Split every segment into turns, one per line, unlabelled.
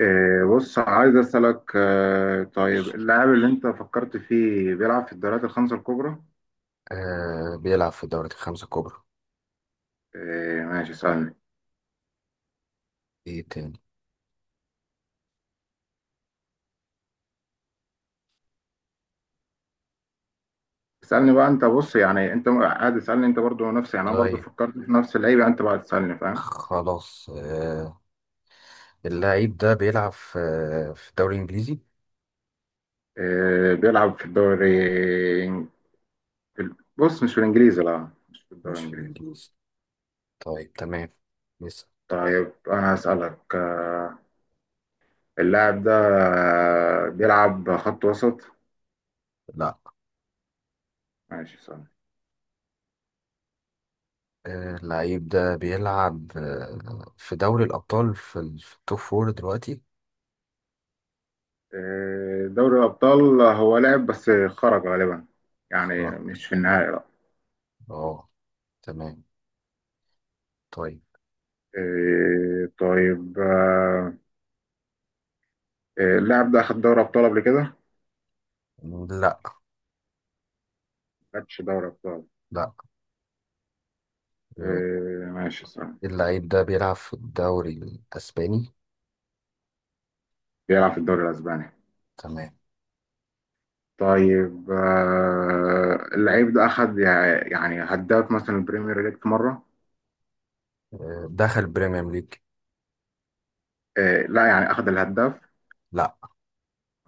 إيه، بص عايز أسألك طيب اللاعب اللي أنت فكرت فيه بيلعب في الدوريات الخمسة الكبرى؟
آه، بيلعب في الدوريات الخمسة الكبرى.
إيه، ماشي اسألني.
ايه تاني؟
اسألني بقى أنت، بص يعني أنت قاعد اسألني، أنت برضو نفسي يعني أنا برضو
طيب،
فكرت في نفس اللعيبة، أنت بقى تسألني فاهم؟
خلاص. اللاعب ده بيلعب في الدوري الإنجليزي.
إيه، بيلعب في الدوري. بص مش في الإنجليزي، لا مش في الدوري
مش في
الإنجليزي.
الإنجليزي. طيب تمام. لسه.
طيب أنا هسألك، اللاعب ده بيلعب خط وسط؟
لا.
ماشي اسألني.
اللاعب ده بيلعب في دوري الأبطال في التوب فور دلوقتي.
دوري الأبطال هو لعب بس خرج غالبا، يعني
اه،
مش في النهائي لا.
اه، تمام، طيب.
طيب. اللاعب ده أخد دوري أبطال قبل كده؟
لا،
ما خدش دوري أبطال.
لا. آه،
ماشي صح.
اللاعب ده بيلعب في الدوري الأسباني.
بيلعب في الدوري الأسباني.
تمام.
طيب، اللعيب ده أخد يعني هداف مثلا البريمير ليج في مرة.
آه دخل بريمير ليج.
لا يعني أخد الهداف؟
لا.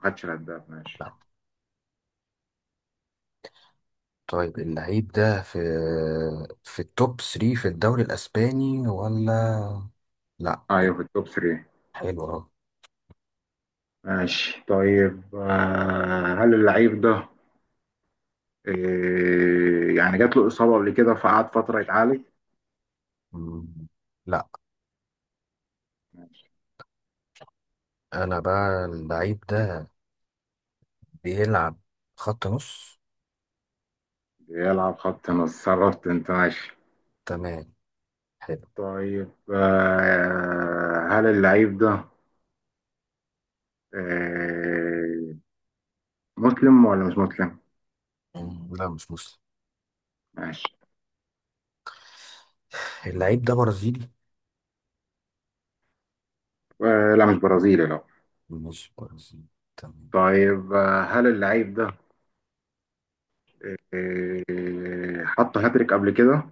ما خدش الهداف ماشي.
لا. طيب اللعيب ده في التوب 3 في الدوري الاسباني ولا؟ لا.
أيوه في التوب 3.
حلو اهو.
ماشي طيب، هل اللعيب ده، إيه يعني، جات له إصابة قبل كده فقعد فترة يتعالج؟
مم، لا. انا بقى اللعيب ده بيلعب خط نص.
بيلعب خط نص، صرفت أنت ماشي.
تمام، حلو.
طيب هل اللعيب ده آه مسلم ولا مش مسلم؟
لا مش مسلم.
ماشي.
اللعيب ده برازيلي.
لا مش برازيلي لا.
مش برازيلي. تمام.
طيب هل اللعيب ده حط هاتريك قبل كده؟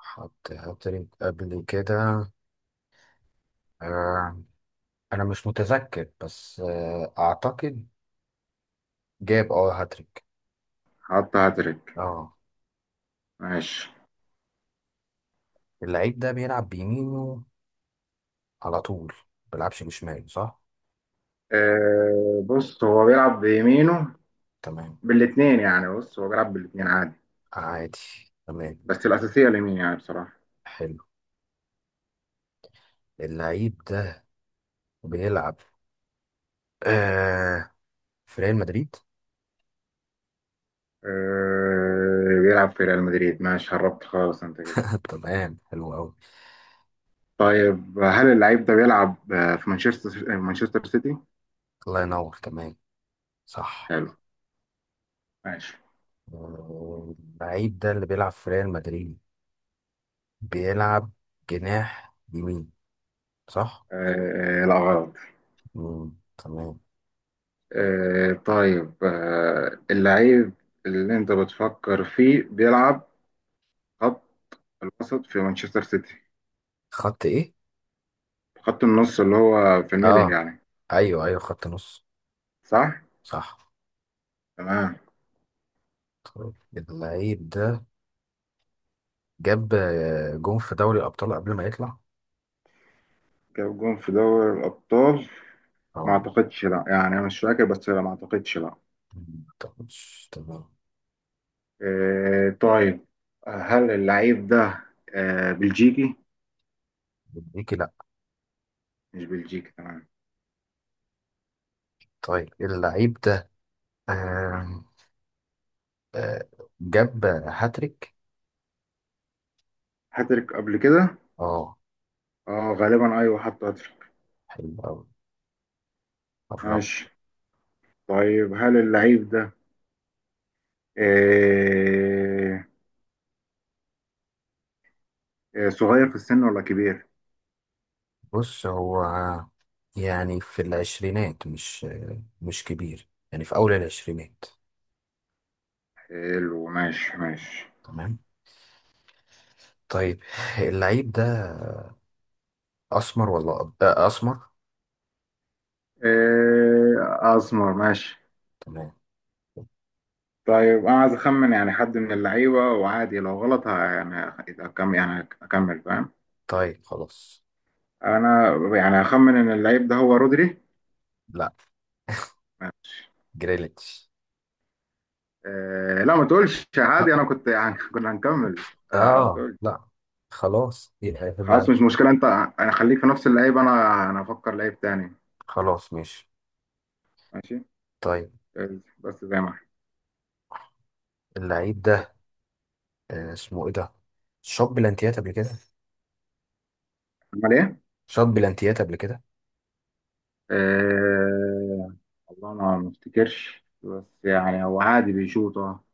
حط هاتريك قبل كده؟ آه. انا مش متذكر بس اعتقد جاب اه هاتريك.
حط هاتريك
اه.
ماشي.
اللعيب ده بيلعب بيمينه على طول، بلعبش بشمال، صح؟
بص هو بيلعب بيمينه.
تمام.
بالاتنين يعني، بص هو بيلعب بالاتنين عادي.
عادي. تمام.
بس الأساسية اليمين يعني بصراحة.
حلو. اللعيب ده بيلعب آه في ريال مدريد.
بيلعب في ريال مدريد. ماشي هربت خالص انت كده.
تمام، حلو قوي.
طيب هل اللعيب ده بيلعب في مانشستر مانشستر سيتي؟
الله ينور. تمام صح.
حلو ماشي.
اللعيب ده اللي بيلعب في ريال مدريد بيلعب جناح يمين، صح؟
لا غلط.
تمام.
طيب. اللعيب اللي انت بتفكر فيه بيلعب خط الوسط في مانشستر سيتي.
خط ايه؟
خط النص اللي هو في الميدل
اه
يعني،
ايوه ايوه، خط نص.
صح؟
صح.
تمام.
طيب، اللعيب ده جاب جون في دوري الابطال قبل ما يطلع.
جاب جون في دوري الأبطال؟ ما
اه.
أعتقدش لا، يعني أنا مش فاكر بس لا ما أعتقدش لا.
18 تمام.
طيب، هل اللعيب ده بلجيكي؟
بلجيكي؟ لا.
مش بلجيكي تمام.
طيب اللعيب ده آم، آه، جاب هاتريك.
هاتريك قبل كده؟
اه.
اه غالبا ايوه، حط هاتريك.
حلو أوي، قربت.
ماشي. طيب هل اللعيب ده آه، صغير في السن ولا كبير؟
بص هو يعني في العشرينات، مش مش كبير يعني، في أول العشرينات.
حلو ماشي ماشي.
تمام. طيب اللعيب ده أسمر ولا أسمر.
اسمر ماشي.
تمام.
طيب انا عايز اخمن يعني حد من اللعيبه، وعادي لو غلط يعني اكمل، يعني اكمل فاهم.
طيب خلاص.
انا يعني هخمن ان اللعيب ده هو رودري.
لا، جريليتش.
لا ما تقولش،
لا.
عادي انا كنت يعني كنا هنكمل. ما
آه
تقولش.
لا. خلاص يبقى.
خلاص مش مشكله انت. انا خليك في نفس اللعيب، انا افكر لعيب تاني.
خلاص ماشي.
ماشي،
طيب
بس زي ما احنا.
اللعيب ده اسمه ايه ده، شاط بلانتيات قبل كده.
عمل ايه؟
شاط بلانتيات قبل كده.
آه والله انا ما افتكرش، بس يعني هو عادي بيشوط. اه.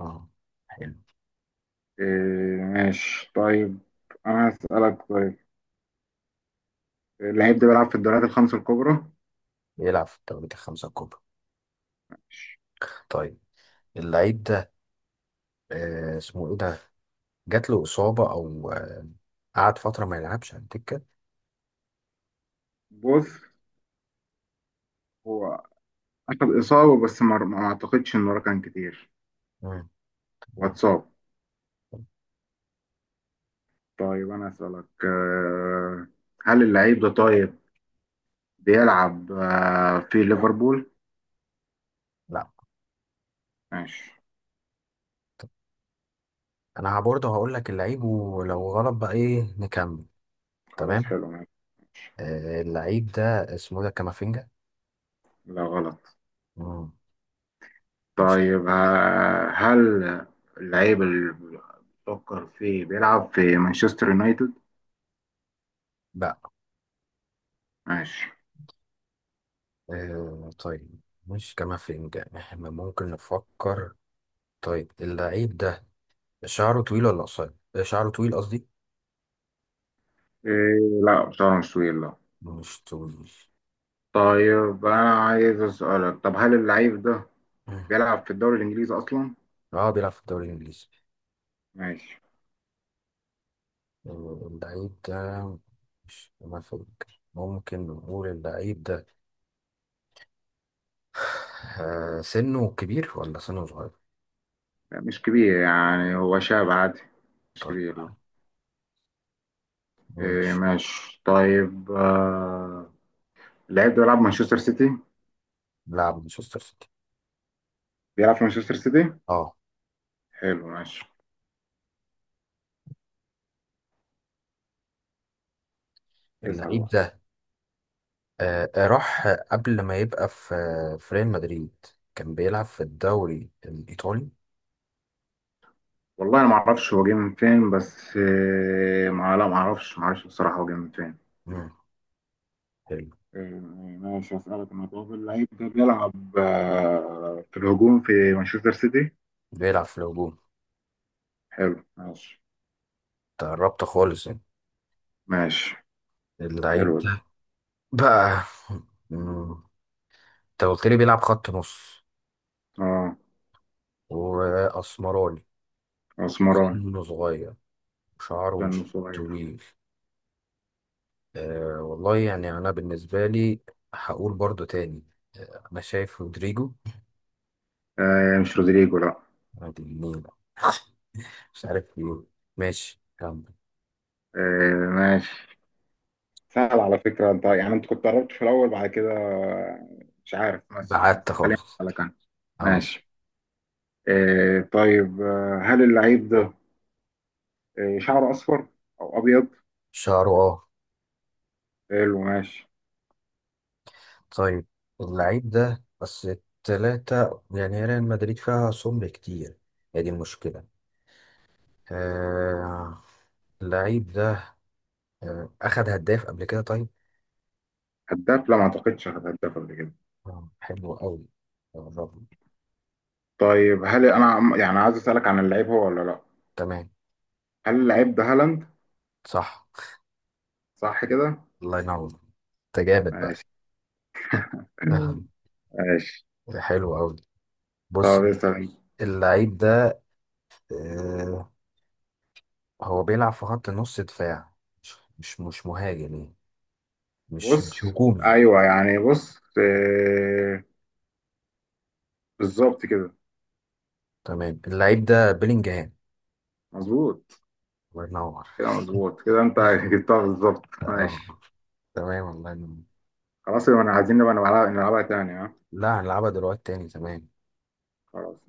اه. حلو.
ماشي طيب. انا هسألك طيب، اللعيب ده بيلعب في الدوريات الخمس الكبرى.
بيلعب في الدوريات الخمسة الكبرى. طيب اللعيب ده اسمه ايه ده، جات له إصابة او قعد فترة ما يلعبش على الدكة.
بص هو أخد إصابة، بس ما أعتقدش إن وراه كان كتير.
مم،
هو
مم.
اتصاب. طيب أنا أسألك هل اللعيب ده طيب بيلعب في ليفربول؟
لا.
ماشي.
طب انا برضه هقول لك اللعيب ولو غلط بقى ايه نكمل.
خلاص
تمام.
حلو ماشي.
اللعيب ده اسمه إيه ده، كامافينجا.
لا غلط.
مم، مش.
طيب هل اللعيب اللي بتفكر فيه بيلعب في مانشستر يونايتد؟
لا
ماشي.
آه، طيب، مش كامافينجا، احنا ممكن نفكر. طيب اللعيب ده شعره طويل ولا قصير؟ شعره طويل قصدي.
إيه لا بصراحة مش طويل لا.
مش طويل.
طيب أنا عايز أسألك، طب هل اللعيب ده
مم.
بيلعب في الدوري الإنجليزي أصلا؟
اه بيلعب في الدوري الإنجليزي.
ماشي.
اللعيب ده مش، ما فاكر، ممكن نقول اللعيب ده سنه كبير ولا سنه صغير؟
لا، مش كبير يعني هو شاب عادي، مش
طيب
كبير لا. إيه
ماشي.
ماشي طيب. اللاعب ده بيلعب مانشستر سيتي.
لاعب مانشستر سيتي.
بيلعب في مانشستر سيتي.
اه.
حلو ماشي، اسأل
اللعيب
بقى.
ده راح قبل ما يبقى في ريال مدريد كان بيلعب في الدوري الإيطالي.
والله انا ما اعرفش هو جه من فين، بس إيه ما، لا ما اعرفش، ما اعرفش بصراحة هو جه من فين.
مم. حلو.
إيه ماشي، اسألك انا طب اللعيب ده بيلعب في الهجوم في مانشستر سيتي.
بيلعب في الهجوم.
حلو ماشي
تقربت خالص يعني.
ماشي.
اللعيب
حلو ده.
بقى، مم، انت قلت لي بيلعب خط نص
اه
واسمراني،
اسمراني،
سنه صغير، شعره
كان
مش
صغير.
طويل. أه والله يعني انا بالنسبه لي هقول برضو تاني، انا شايف رودريجو.
مش رودريجو لا.
عادي، مين، مش عارف ايه. ماشي كمل.
ماشي. سهل على فكرة انت، يعني انت كنت قربت في الأول بعد كده، مش عارف، بس
بعدت
خليني
خالص.
أسألك أنا.
اه.
ماشي. إيه طيب، هل اللعيب ده شعره أصفر أو أبيض؟
شعره اه.
حلو ماشي.
طيب اللعيب ده بس التلاتة يعني، هي ريال مدريد فيها سمر كتير، هي دي المشكلة. آه، اللعيب ده أخد هداف قبل كده طيب؟
هداف؟ لا ما أعتقدش هداف قبل كده.
حلو أوي، قربنا.
طيب هل أنا يعني عايز أسألك عن اللعيب، هو ولا لا؟
تمام.
هل اللعيب ده هالاند،
صح.
صح كده؟
الله ينور، أنت جامد بقى.
ماشي. مم.
آه.
ماشي.
حلو أوي. بص،
طب اسأل.
اللعيب ده آه، هو بيلعب في خط نص دفاع، مش مهاجم يعني، مش
بص
هجومي.
أيوه يعني، بص بالظبط كده.
تمام، اللعيب ده بيلينجهام.
مظبوط.
الله ينور.
كده مظبوط كده انت جبتها بالظبط
اه،
ماشي.
تمام، الله ينور.
خلاص يبقى انا عايزين نبقى نلعبها نلعبها تاني، ها؟
لا هنلعبها دلوقتي تاني. تمام.
خلاص.